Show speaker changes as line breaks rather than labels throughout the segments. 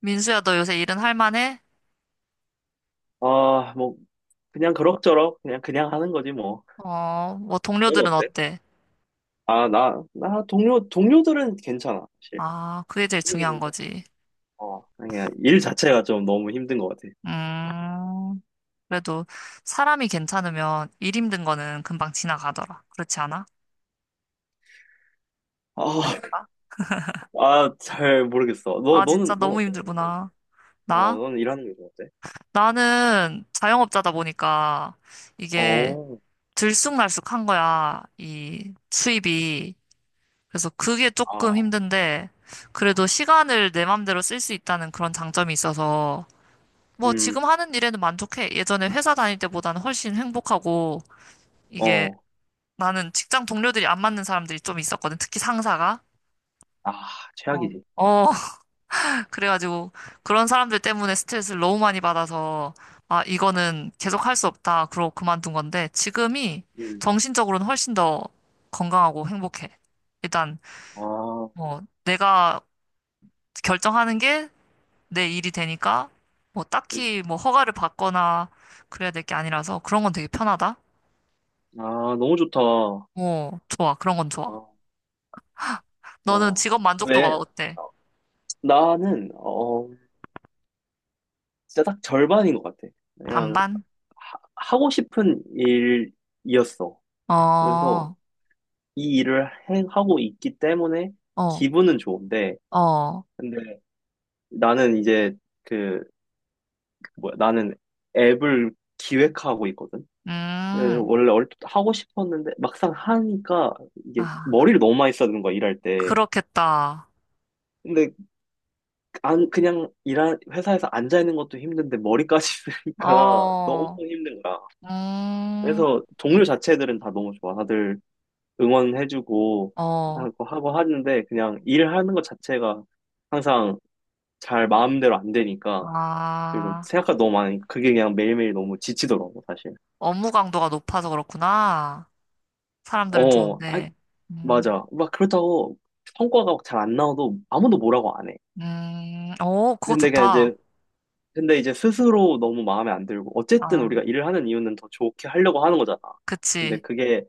민수야, 너 요새 일은 할 만해?
아, 뭐, 그냥 그럭저럭, 그냥 하는 거지, 뭐.
어, 뭐
넌
동료들은
어때?
어때?
아, 동료들은 괜찮아, 사실.
아, 그게 제일
오늘
중요한
괜찮아.
거지.
그냥 일 자체가 좀 너무 힘든 것 같아.
음, 그래도 사람이 괜찮으면 일 힘든 거는 금방 지나가더라. 그렇지 않아?
아, 아, 잘 모르겠어.
아, 진짜
넌
너무
어때? 넌-
힘들구나. 나?
는 일하는 게 좀 어때?
나는 자영업자다 보니까 이게
어,
들쑥날쑥한 거야, 이 수입이. 그래서 그게
아,
조금 힘든데, 그래도 시간을 내 맘대로 쓸 수 있다는 그런 장점이 있어서 뭐
음,
지금 하는 일에는 만족해. 예전에 회사 다닐 때보다는 훨씬 행복하고 이게
어,
나는 직장 동료들이 안 맞는 사람들이 좀 있었거든. 특히 상사가.
아,
어.
최악이지.
어, 그래가지고 그런 사람들 때문에 스트레스를 너무 많이 받아서 아, 이거는 계속 할 수 없다. 그러고 그만둔 건데 지금이
음,
정신적으로는 훨씬 더 건강하고 행복해. 일단
아,
뭐 내가 결정하는 게 내 일이 되니까 뭐
음,
딱히 뭐 허가를 받거나 그래야 될 게 아니라서 그런 건 되게 편하다.
아, 너무 좋다. 아,
어, 좋아. 그런 건 좋아. 너는
어,
직업 만족도가
왜,
어때?
어, 어, 진짜 딱 절반인 것 같아. 그냥,
반반?
하- 하고 싶은 일이었어.
어,
그래서
어,
이 일을 하고 있기 때문에 기분은 좋은데,
어.
근데 나는 이제 그, 나는 앱을 기획하고 있거든. 그
음,
원래 얼핏 하고 싶었는데 막상 하니까 이게
아,
머리를 너무 많이 쓰는 거야, 일할 때.
그렇겠다.
근데 안 그냥 일하 회사에서 앉아 있는 것도 힘든데 머리까지 쓰니까 너무
어,
힘든 거야.
음,
그래서 동료 자체들은 다 너무 좋아. 다들 응원해주고
어,
하고, 하고 하는데 그냥 일하는 것 자체가 항상 잘 마음대로 안 되니까 그리고
아,
생각가 너무 많으니까 그게 그냥 매일매일 너무 지치더라고 사실.
업무 강도가 높아서 그렇구나. 사람들은
어, 아,
좋은데. 음,
맞아. 막 그렇다고 성과가 잘 안 나와도 아무도 뭐라고 안 해.
오, 그거
근데 그냥
좋다.
이제 근데 이제 스스로 너무 마음에 안 들고 어쨌든
아,
우리가 일을 하는 이유는 더 좋게 하려고 하는 거잖아. 근데
그치.
그게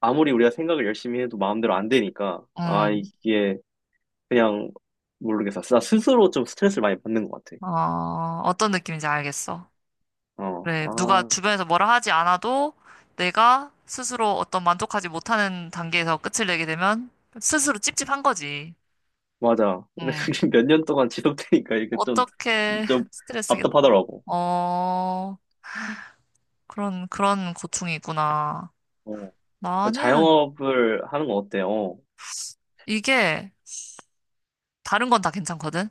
아무리 우리가 생각을 열심히 해도 마음대로 안 되니까 아
음,
이게 그냥 모르겠어. 나 스스로 좀 스트레스를 많이 받는 것 같아.
어, 어떤 느낌인지 알겠어.
어,
그래, 누가
아,
주변에서 뭐라 하지 않아도 내가 스스로 어떤 만족하지 못하는 단계에서 끝을 내게 되면 스스로 찝찝한 거지.
맞아. 근데
음,
그게 몇 년 동안 지속되니까 이게 좀,
어떻게
좀
스트레스겠다.
답답하더라고.
어, 그런 고충이 있구나.
어. 어,
나는
자영업을 하는 거 어때? 어,
이게 다른 건 다 괜찮거든?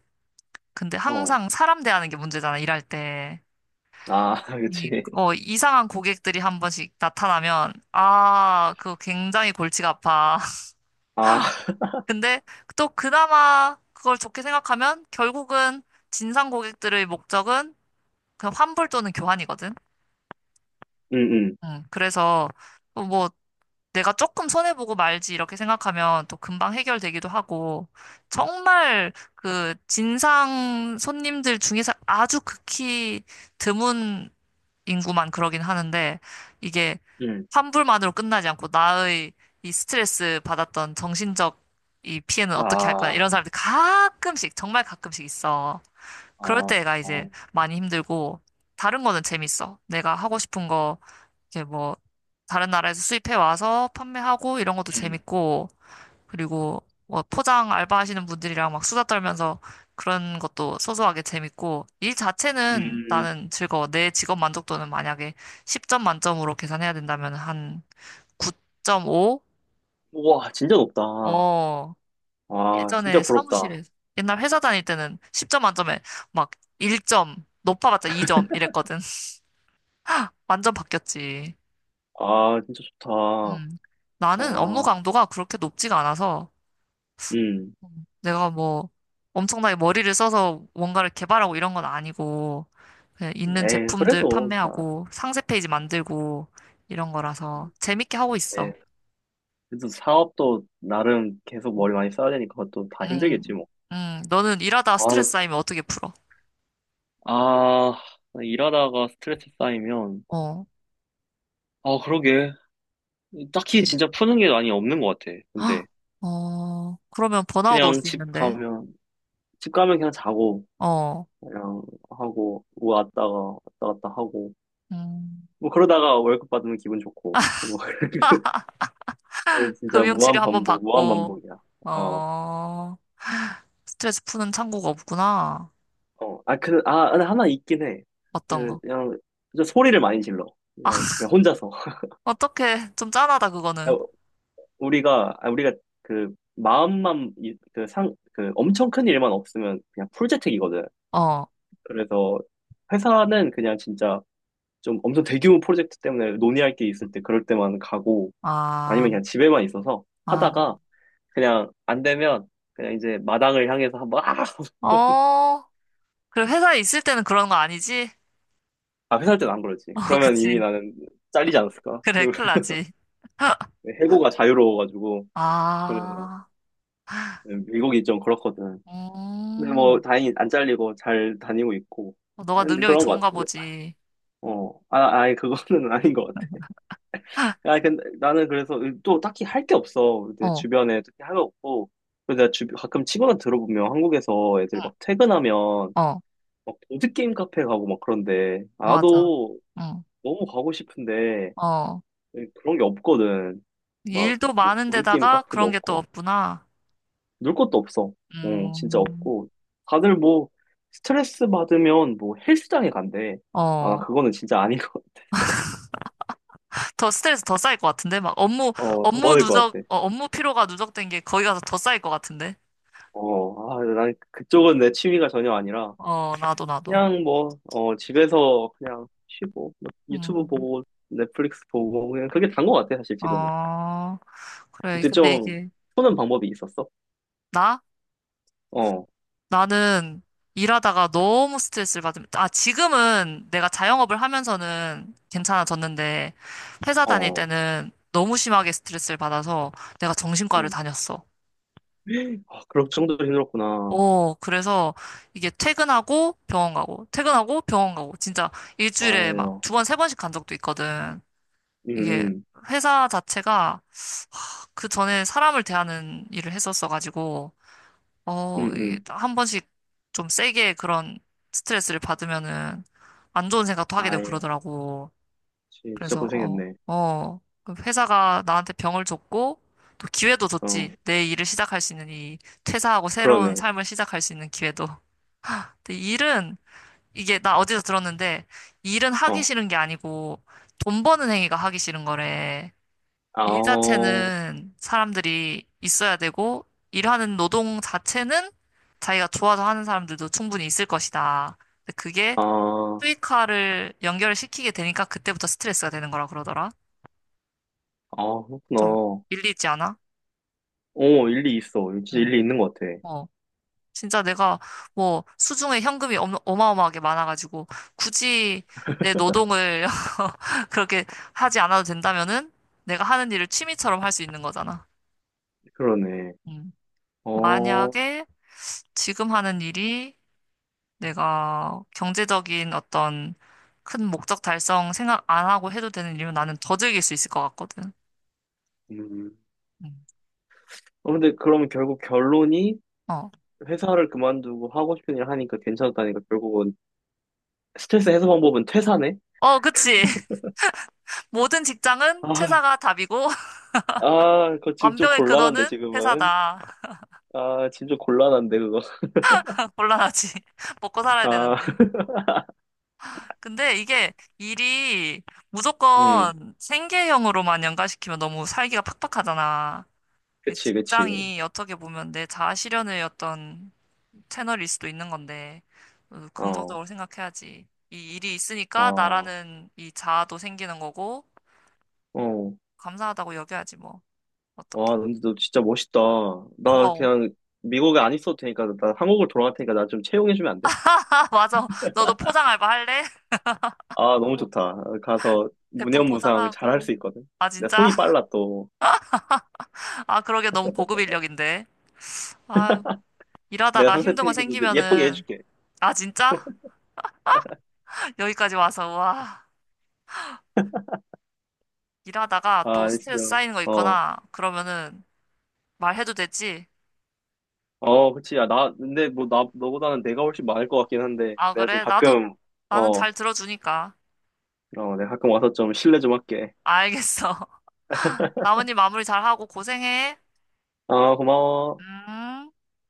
근데
어.
항상 사람 대하는 게 문제잖아, 일할 때.
아,
이,
그치.
어, 이상한 고객들이 한 번씩 나타나면, 아, 그거 굉장히 골치가 아파.
아,
근데 또 그나마 그걸 좋게 생각하면 결국은 진상 고객들의 목적은 그냥 환불 또는 교환이거든.
응, 응,
그래서 또뭐 내가 조금 손해보고 말지 이렇게 생각하면 또 금방 해결되기도 하고 정말 그 진상 손님들 중에서 아주 극히 드문 인구만 그러긴 하는데 이게
응.
환불만으로 끝나지 않고 나의 이 스트레스 받았던 정신적 이 피해는 어떻게 할 거야
아,
이런 사람들이 가끔씩 정말 가끔씩 있어. 그럴
아,
때가 이제
아.
많이 힘들고 다른 거는 재밌어. 내가 하고 싶은 거 이게 뭐 다른 나라에서 수입해 와서 판매하고 이런 것도
음,
재밌고 그리고 뭐 포장 알바하시는 분들이랑 막 수다 떨면서 그런 것도 소소하게 재밌고 일 자체는
음.
나는 즐거워. 내 직업 만족도는 만약에 10점 만점으로 계산해야 된다면 한 9.5?
우와, 진짜 높다.
어,
아,
예전에
진짜 부럽다.
사무실에 옛날 회사 다닐 때는 10점 만점에 막 1점 높아봤자 2점 이랬거든. 완전 바뀌었지.
아, 진짜 좋다.
음. 나는 업무
와,
강도가 그렇게 높지가 않아서
음.
내가 뭐 엄청나게 머리를 써서 뭔가를 개발하고 이런 건 아니고 그냥 있는
에,
제품들
그래도 다,
판매하고 상세 페이지 만들고 이런 거라서 재밌게 하고
에
있어.
그래도 사업도 나름 계속
음,
머리 많이 써야 되니까 그것도 다 힘들겠지
음,
뭐.
너는 일하다
아, 근데,
스트레스 쌓이면 어떻게 풀어?
아, 일하다가 스트레스 쌓이면,
어,
아, 그러게. 딱히 진짜 푸는 게 많이 없는 것 같아. 근데,
헉, 어, 그러면 번아웃 올
그냥
수
집
있는데,
가면, 집 가면 그냥 자고,
어,
그냥 뭐 왔다 갔다 하고,
음,
뭐 그러다가 월급 받으면 기분 좋고, 뭐, 이게 진짜
금융치료 한번
무한
받고,
반복이야. 어,
어, 스트레스 푸는 창구가 없구나.
어. 아, 그, 아, 근데 하나 있긴 해.
어떤 거?
그냥, 진짜 소리를 많이 질러. 그냥 혼자서.
어떻게 좀 짠하다
야,
그거는.
우리가 그 마음만 그 상 그 엄청 큰 일만 없으면 그냥 풀재택이거든.
어,
그래서 회사는 그냥 진짜 좀 엄청 대규모 프로젝트 때문에 논의할 게 있을 때 그럴 때만 가고 아니면
아.
그냥 집에만 있어서
아,
하다가 그냥 안 되면 그냥 이제 마당을 향해서 막
어, 그래, 회사에 있을 때는 그런 거 아니지?
아, 아, 회사할 때는 안 그러지.
어,
그러면 이미
그치.
나는 잘리지 않았을까?
그래, 큰일 나지.
해고가 자유로워가지고 그래서
아,
네, 미국이 좀 그렇거든. 근데 뭐
음,
다행히 안 잘리고 잘 다니고 있고
어, 너가
근데
능력이
그런 것
좋은가
같아.
보지.
어, 아, 아니 그거는 아닌 것 같아. 아, 근데 나는 그래서 또 딱히 할 게 없어. 내
어,
주변에 특히 할 거 없고. 그래서 내가 주, 가끔 친구들 들어보면 한국에서 애들
응,
막 퇴근하면
어,
막 보드 게임 카페 가고 막 그런데
맞아.
나도
응,
너무 가고 싶은데
어,
그런 게 없거든. 막
일도
뭐 보드 게임
많은데다가
카페도
그런 게 또
없고.
없구나.
놀 것도 없어. 어, 진짜
음,
없고. 다들 뭐, 스트레스 받으면 뭐 헬스장에 간대. 아,
어,
그거는 진짜 아닌 것 같아서.
더 스트레스 더 쌓일 것 같은데? 막 업무,
어, 더
업무
받을 것
누적,
같아.
어, 업무 피로가 누적된 게 거기 가서 더 쌓일 것 같은데?
어, 아, 난 그쪽은 내 취미가 전혀 아니라,
어, 나도, 나도.
그냥 뭐, 어, 집에서 그냥 쉬고, 뭐, 유튜브
음,
보고, 넷플릭스 보고, 그냥 그게 단 것 같아, 사실 지금은.
어, 그래,
근데
근데
좀,
이게,
푸는 방법이 있었어?
나?
어,
나는 일하다가 너무 스트레스를 받으면, 아, 지금은 내가 자영업을 하면서는 괜찮아졌는데, 회사
어,
다닐
어.
때는 너무 심하게 스트레스를 받아서 내가 정신과를
음.
다녔어.
아, 그럴 정도로 힘들었구나.
오, 그래서 이게 퇴근하고 병원 가고, 퇴근하고 병원 가고, 진짜 일주일에 막
아유,
두 번, 세 번씩 간 적도 있거든.
음,
이게
음,
회사 자체가 그 전에 사람을 대하는 일을 했었어가지고,
음,
어, 이게
음.
한 번씩 좀 세게 그런 스트레스를 받으면은 안 좋은 생각도 하게 되고
아유,
그러더라고.
진짜
그래서, 어,
고생했네.
어, 그 회사가 나한테 병을 줬고, 또 기회도
어,
줬지. 내 일을 시작할 수 있는 이 퇴사하고 새로운
그러네.
삶을 시작할 수 있는 기회도. 근데 일은, 이게 나 어디서 들었는데, 일은 하기
어,
싫은 게 아니고, 돈 버는 행위가 하기 싫은 거래.
아,
일
어,
자체는 사람들이 있어야 되고, 일하는 노동 자체는 자기가 좋아서 하는 사람들도 충분히 있을 것이다. 근데 그게
아,
수익화를 연결 시키게 되니까 그때부터 스트레스가 되는 거라 그러더라.
아,
좀
그렇구나.
일리 있지 않아?
어, 일리 있어. 진짜
응.
일리 있는 것 같아.
어. 진짜 내가 뭐 수중에 현금이 어마어마하게 많아가지고 굳이 내 노동을 그렇게 하지 않아도 된다면은 내가 하는 일을 취미처럼 할 수 있는 거잖아.
그러네.
음.
어,
만약에 지금 하는 일이 내가 경제적인 어떤 큰 목적 달성 생각 안 하고 해도 되는 일이면 나는 더 즐길 수 있을 것 같거든.
음.
음.
어, 근데 그러면 결국 결론이
어.
회사를 그만두고 하고 싶은 일 하니까 괜찮았다니까 결국은 스트레스 해소 방법은 퇴사네?
어, 그치. 모든 직장은
아,
퇴사가 답이고,
아, 그거 지금 좀
완벽의
곤란한데,
근원은
지금은.
회사다.
아, 지금 좀 곤란한데, 그거.
곤란하지. 먹고 살아야
아,
되는데. 근데 이게 일이
음,
무조건 생계형으로만 연관시키면 너무 살기가 팍팍하잖아. 이
그치, 그치.
직장이 어떻게 보면 내 자아실현의 어떤 채널일 수도 있는 건데, 어,
어,
긍정적으로 생각해야지. 이 일이 있으니까
어,
나라는 이 자아도 생기는 거고,
어.
감사하다고 여겨야지, 뭐.
와,
어떡해.
근데 너 진짜 멋있다. 나
고마워.
그냥 미국에 안 있어도 되니까, 나 한국으로 돌아갈 테니까 나 좀 채용해주면 안 돼?
맞아. 너도 포장 알바 할래?
아, 너무 좋다. 가서
제품
무념무상 잘 할
포장하고.
수 있거든.
아,
내가
진짜?
손이 빨라, 또.
아, 그러게 너무 고급 인력인데. 아,
내가
일하다가
상세
힘든 거
페이지도 예쁘게
생기면은,
해줄게.
아, 진짜? 여기까지 와서, 와. 일하다가 또
아, 진짜.
스트레스 쌓이는 거
어.
있거나, 그러면은, 말해도 되지?
어, 그치. 근데 뭐, 나, 너보다는 내가 훨씬 많을 것 같긴 한데,
아,
내가 좀
그래? 나도,
가끔,
나는
어,
잘 들어주니까.
어, 내가 가끔 와서 좀 실례 좀 할게.
알겠어. 나머지 마무리 잘하고 고생해.
아, 고마워.
음.